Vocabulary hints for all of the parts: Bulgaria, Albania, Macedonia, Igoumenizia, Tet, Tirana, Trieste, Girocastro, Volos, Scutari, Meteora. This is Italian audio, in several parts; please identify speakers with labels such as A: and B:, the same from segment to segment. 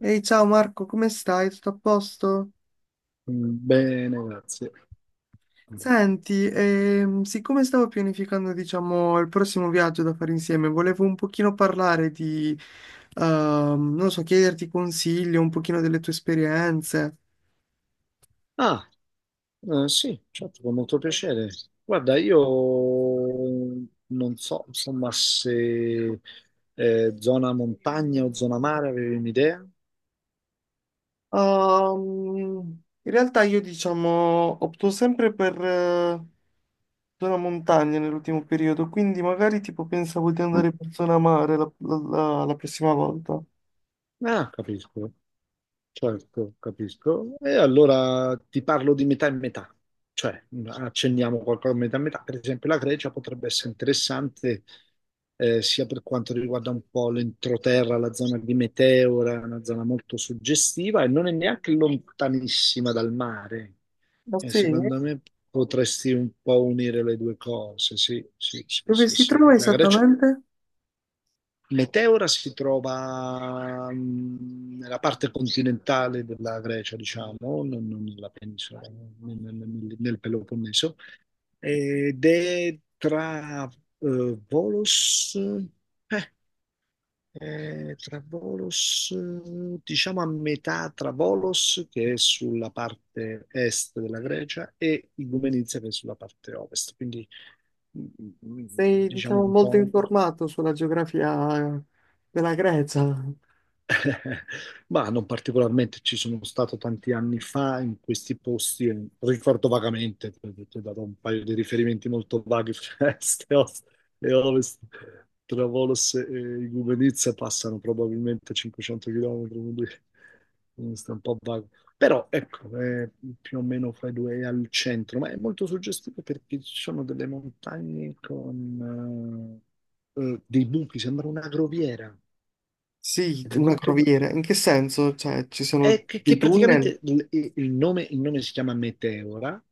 A: Ehi, ciao Marco, come stai? Tutto a posto?
B: Bene, grazie.
A: Senti, siccome stavo pianificando, diciamo, il prossimo viaggio da fare insieme, volevo un pochino parlare di, non so, chiederti consigli, un pochino delle tue esperienze.
B: Ah, sì, certo, con molto piacere. Guarda, io non so, insomma, se zona montagna o zona mare avevi un'idea?
A: In realtà io, diciamo, opto sempre per zona montagna nell'ultimo periodo, quindi magari tipo pensavo di andare per zona mare la prossima volta.
B: Ah, capisco. Certo, capisco. E allora ti parlo di metà e metà, cioè accenniamo qualcosa a metà e metà. Per esempio, la Grecia potrebbe essere interessante sia per quanto riguarda un po' l'entroterra, la zona di Meteora, una zona molto suggestiva e non è neanche lontanissima dal mare.
A: Ma
B: E
A: sì?
B: secondo me potresti un po' unire le due cose. Sì, sì, sì,
A: Dove
B: sì,
A: si
B: sì.
A: trova
B: La Grecia
A: esattamente?
B: Meteora si trova nella parte continentale della Grecia, diciamo, non nella penisola, nel Peloponneso, ed è tra Volos, eh, è tra Volos, diciamo a metà tra Volos, che è sulla parte est della Grecia, e Igoumenizia, che è sulla parte ovest, quindi mh, mh,
A: Sei,
B: diciamo
A: diciamo,
B: un
A: molto
B: po'.
A: informato sulla geografia della Grecia.
B: Ma non particolarmente, ci sono stato tanti anni fa in questi posti, e ricordo vagamente, perché ti ho dato un paio di riferimenti molto vaghi, Trieste e Ovest, e Ovest. Tra Volos e Igoumenitsa passano probabilmente 500 km, quindi sta un po' vago. Però ecco, è più o meno fra i due è al centro, ma è molto suggestivo perché ci sono delle montagne con dei buchi, sembra una groviera
A: Sì,
B: ed è
A: una
B: molto
A: croviera. In che senso? Cioè, ci sono
B: è
A: dei
B: che
A: tunnel?
B: praticamente il nome si chiama Meteora,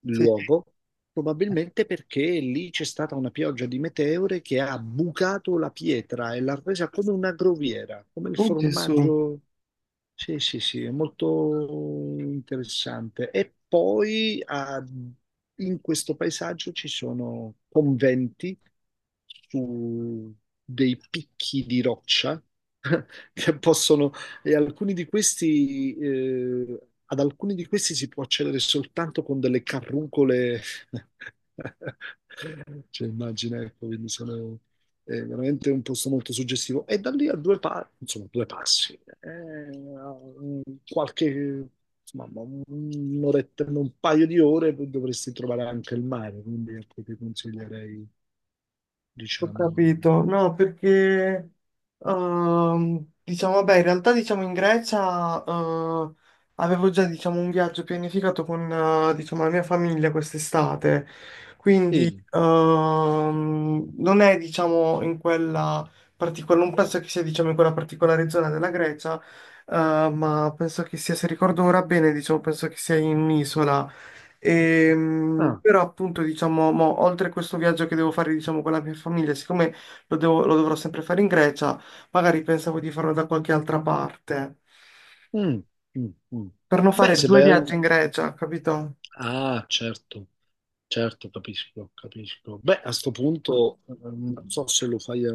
B: il
A: Sì.
B: luogo, probabilmente perché lì c'è stata una pioggia di meteore che ha bucato la pietra e l'ha resa come una groviera, come il
A: Oh, Gesù.
B: formaggio. Sì, sì, sì, è molto interessante. E poi ah, in questo paesaggio ci sono conventi su dei picchi di roccia che possono, e alcuni di questi, ad alcuni di questi si può accedere soltanto con delle carruncole. Cioè, immagina, ecco, quindi sono è veramente un posto molto suggestivo. E da lì a insomma, due passi, eh, qualche, insomma, un'oretta, un paio di ore dovresti trovare anche il mare, quindi ecco, ti consiglierei,
A: Ho
B: diciamo...
A: capito, no, perché diciamo, vabbè, in realtà diciamo in Grecia avevo già diciamo un viaggio pianificato con diciamo la mia famiglia quest'estate, quindi
B: Sì.
A: non è diciamo in quella particolare, non penso che sia diciamo in quella particolare zona della Grecia, ma penso che sia, se ricordo ora bene, diciamo, penso che sia in un'isola.
B: Ah,
A: Però appunto diciamo, mo, oltre a questo viaggio che devo fare diciamo, con la mia famiglia, siccome lo, lo dovrò sempre fare in Grecia, magari pensavo di farlo da qualche altra parte,
B: mm, mm, mm.
A: per non
B: Beh,
A: fare
B: se
A: due
B: vai al,
A: viaggi in Grecia, capito?
B: Ah, certo, certo, capisco, capisco. Beh, a sto punto non so se lo fai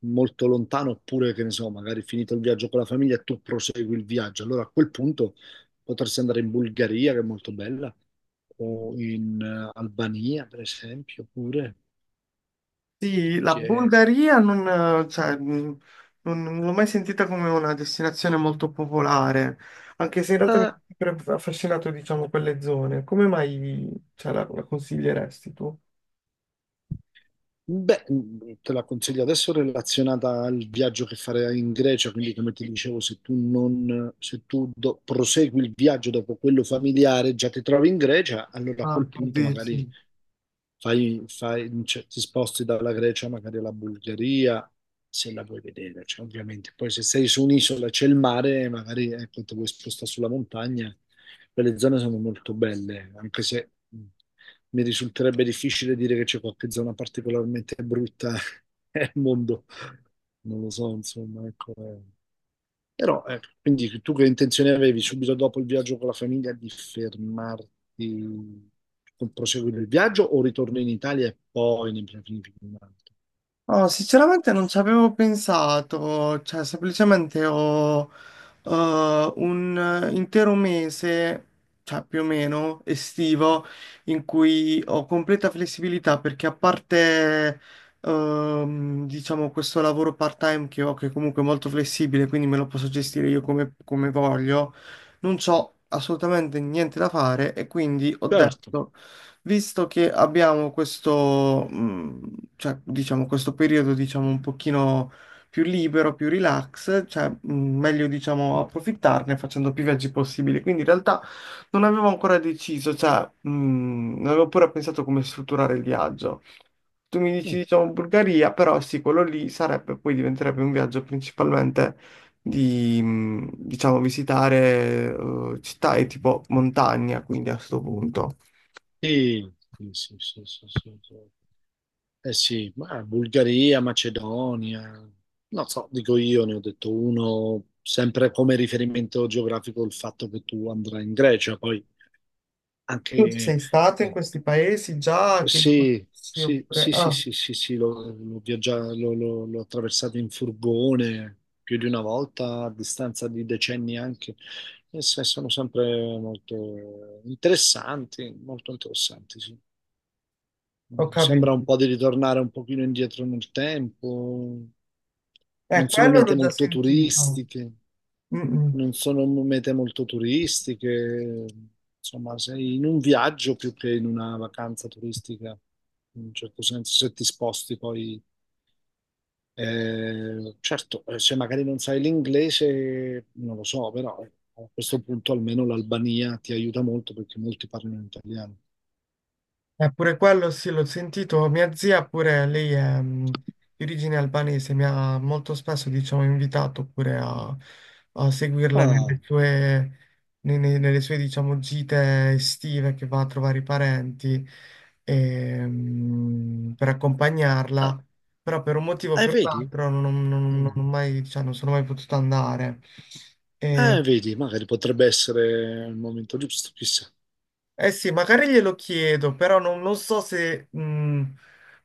B: molto lontano oppure che ne so, magari finito il viaggio con la famiglia e tu prosegui il viaggio. Allora a quel punto potresti andare in Bulgaria, che è molto bella, o in Albania, per esempio, pure,
A: Sì, la
B: che
A: Bulgaria non, cioè, non l'ho mai sentita come una destinazione molto popolare, anche se in
B: è
A: realtà mi ha sempre affascinato diciamo, quelle zone. Come mai cioè, la consiglieresti tu?
B: Beh, mm, te la consiglio adesso relazionata al viaggio che farai in Grecia, quindi come ti dicevo, se tu do- prosegui il viaggio dopo quello familiare, già ti trovi in Grecia, allora a
A: Ah,
B: quel
A: tu
B: punto
A: dici.
B: magari cioè, ti sposti dalla Grecia magari alla Bulgaria, se la vuoi vedere, cioè, ovviamente. Poi se sei su un'isola c'è il mare, magari ecco, ti vuoi spostare sulla montagna, quelle zone sono molto belle, anche se mi risulterebbe difficile dire che c'è qualche zona particolarmente brutta nel mondo. Non lo so, insomma, ecco. Però, ecco, quindi tu che intenzione avevi subito dopo il viaggio con la famiglia di fermarti, con- proseguire il viaggio o ritorno in Italia e poi ne pianifichi un altro?
A: Oh, sinceramente non ci avevo pensato, cioè semplicemente ho un intero mese, cioè più o meno estivo, in cui ho completa flessibilità perché a parte diciamo questo lavoro part-time che ho, che comunque è molto flessibile, quindi me lo posso gestire io come, come voglio, non c'ho assolutamente niente da fare e quindi ho
B: Certo.
A: detto visto che abbiamo questo, cioè, diciamo, questo periodo, diciamo, un pochino più libero, più relax, cioè, meglio, diciamo, approfittarne facendo più viaggi possibili. Quindi in realtà non avevo ancora deciso, cioè, non avevo pure pensato come strutturare il viaggio. Tu mi dici,
B: Mm.
A: diciamo, Bulgaria, però sì, quello lì sarebbe, poi diventerebbe un viaggio principalmente di, diciamo, visitare città e tipo montagna, quindi a questo punto.
B: Sì, sì, sì, sì, sì, sì, sì. Eh sì, ma Bulgaria, Macedonia, non so, dico io, ne ho detto uno, sempre come riferimento geografico il fatto che tu andrai in Grecia, poi anche
A: Tu
B: eh,
A: sei stato in questi paesi già che li
B: Sì,
A: conosci
B: sì,
A: oppure...
B: sì, sì,
A: Ah,
B: sì, sì, sì, l'ho viaggia- l'ho attraversato in furgone più di una volta, a distanza di decenni anche, e se- sono sempre molto interessanti, sì.
A: ho
B: Mm, sembra un
A: capito.
B: po' di ritornare un pochino indietro nel tempo, non sono
A: Quello l'ho
B: mete
A: già
B: molto
A: sentito.
B: turistiche
A: Mm, mm.
B: non sono mete molto turistiche, insomma, sei in un viaggio più che in una vacanza turistica, in un certo senso, se ti sposti poi. Certo, se magari non sai l'inglese, non lo so, però a questo punto almeno l'Albania ti aiuta molto perché molti parlano italiano.
A: Eppure quello sì, l'ho sentito. Mia zia pure, lei è mm, di origine albanese, mi ha molto spesso, diciamo, invitato pure a, a seguirla
B: Ah,
A: nelle sue, nelle sue, diciamo, gite estive che va a trovare i parenti e, mm, per
B: ah,
A: accompagnarla, però per un motivo o per un
B: vedi?
A: altro non, non
B: Mm.
A: ho mai, cioè, non sono mai potuto andare. E
B: Vedi, magari potrebbe essere il momento giusto, chissà.
A: eh sì, magari glielo chiedo, però non, non so se...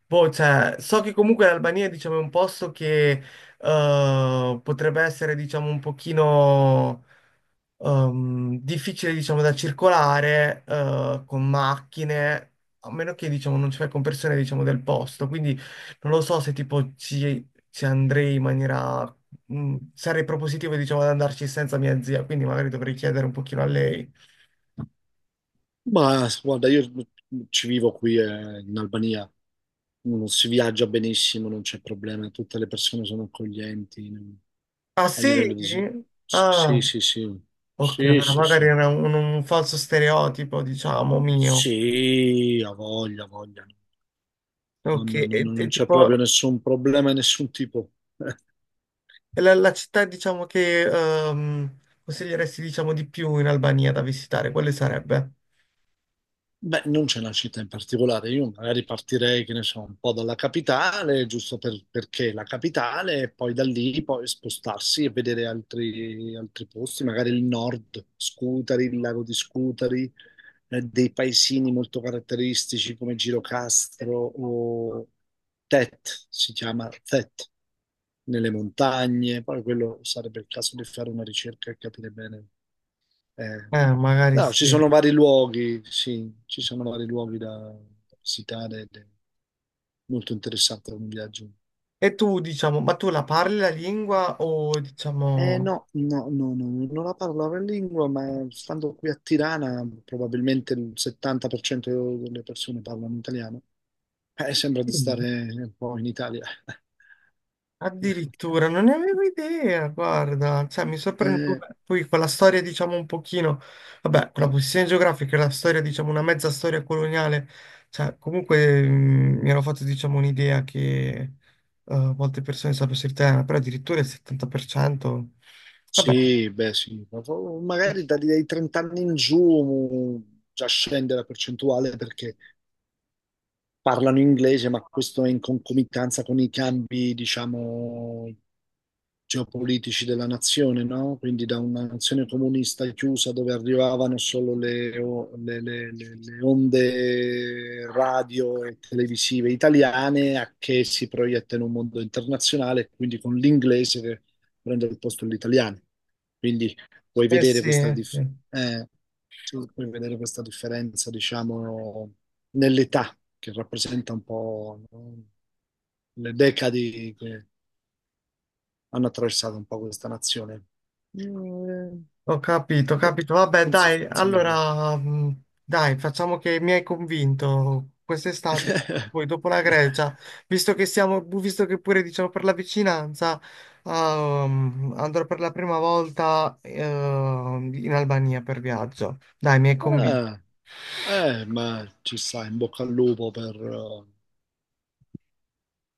A: boh, cioè, so che comunque l'Albania, diciamo, è un posto che potrebbe essere, diciamo, un pochino difficile, diciamo, da circolare con macchine, a meno che, diciamo, non ci fai con persone, diciamo, del posto. Quindi non lo so se, tipo, ci andrei in maniera... sarei propositivo, diciamo, ad andarci senza mia zia, quindi magari dovrei chiedere un pochino a lei.
B: Ma guarda, io ci vivo qui in Albania, non si viaggia benissimo, non c'è problema, tutte le persone sono accoglienti non-
A: Ah
B: a livello
A: sì?
B: di...
A: Ah,
B: Sì, sì, sì, sì,
A: ok,
B: sì,
A: allora
B: sì,
A: magari
B: sì,
A: era un falso stereotipo, diciamo, mio.
B: sì, ha voglia,
A: Ok,
B: non
A: e
B: c'è proprio
A: tipo,
B: nessun problema di nessun tipo.
A: la città, diciamo, che consiglieresti, diciamo, di più in Albania da visitare, quale sarebbe?
B: Beh, non c'è una città in particolare, io magari partirei, che ne so, un po' dalla capitale, giusto per- perché è la capitale, e poi da lì poi spostarsi e vedere altri posti, magari il nord, Scutari, il lago di Scutari, dei paesini molto caratteristici come Girocastro o si chiama Tet, nelle montagne, poi quello sarebbe il caso di fare una ricerca e capire bene. Eh,
A: Magari
B: no, ci
A: sì.
B: sono vari luoghi, sì, ci sono vari luoghi da visitare ed è molto interessante un viaggio.
A: E tu, diciamo, ma tu la parli la lingua o,
B: Eh
A: diciamo...
B: no, non la parlo la lingua, ma stando qui a Tirana probabilmente il 70% delle persone parlano italiano. Sembra di
A: Sì.
B: stare un po' in Italia.
A: Addirittura, non ne avevo idea, guarda, cioè mi sorprende
B: Eh,
A: vabbè, poi quella storia diciamo un pochino, vabbè, con la posizione geografica e la storia diciamo una mezza storia coloniale, cioè comunque mm, mi ero fatto diciamo un'idea che molte persone sapessero il tema, però addirittura il 70%, vabbè,
B: sì, beh, sì, ma po- magari da- dai 30 anni in giù già scende la percentuale perché parlano inglese, ma questo è in concomitanza con i cambi, diciamo, geopolitici della nazione, no? Quindi da una nazione comunista chiusa dove arrivavano solo le, o- le- le onde radio e televisive italiane a che si proietta in un mondo internazionale, quindi con l'inglese che prende il posto dell'italiano. Quindi puoi
A: eh
B: vedere
A: sì, eh
B: dif-
A: sì.
B: eh, tu puoi vedere questa differenza, diciamo, nell'età, che rappresenta un po', no, le decadi che hanno attraversato un po' questa nazione. Mm,
A: Ho capito, ho capito.
B: ecco,
A: Vabbè,
B: consig-
A: dai,
B: consigliamo.
A: allora, dai, facciamo che mi hai convinto quest'estate, poi dopo la Grecia, visto che siamo, visto che pure diciamo per la vicinanza, andrò per la prima volta, in Albania per viaggio. Dai, mi hai convinto.
B: Eh, ma ci sta, in bocca al lupo per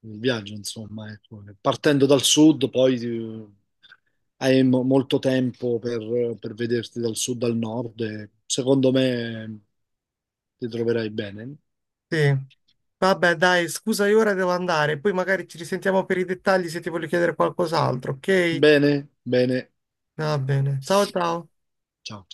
B: il viaggio, insomma. Ecco. Partendo dal sud, poi hai mo- molto tempo per vederti dal sud al nord e secondo me ti troverai bene.
A: Sì. Vabbè, dai, scusa, io ora devo andare, poi magari ci risentiamo per i dettagli se ti voglio chiedere qualcos'altro, ok?
B: Bene, bene.
A: Va bene. Ciao, ciao.
B: Ciao.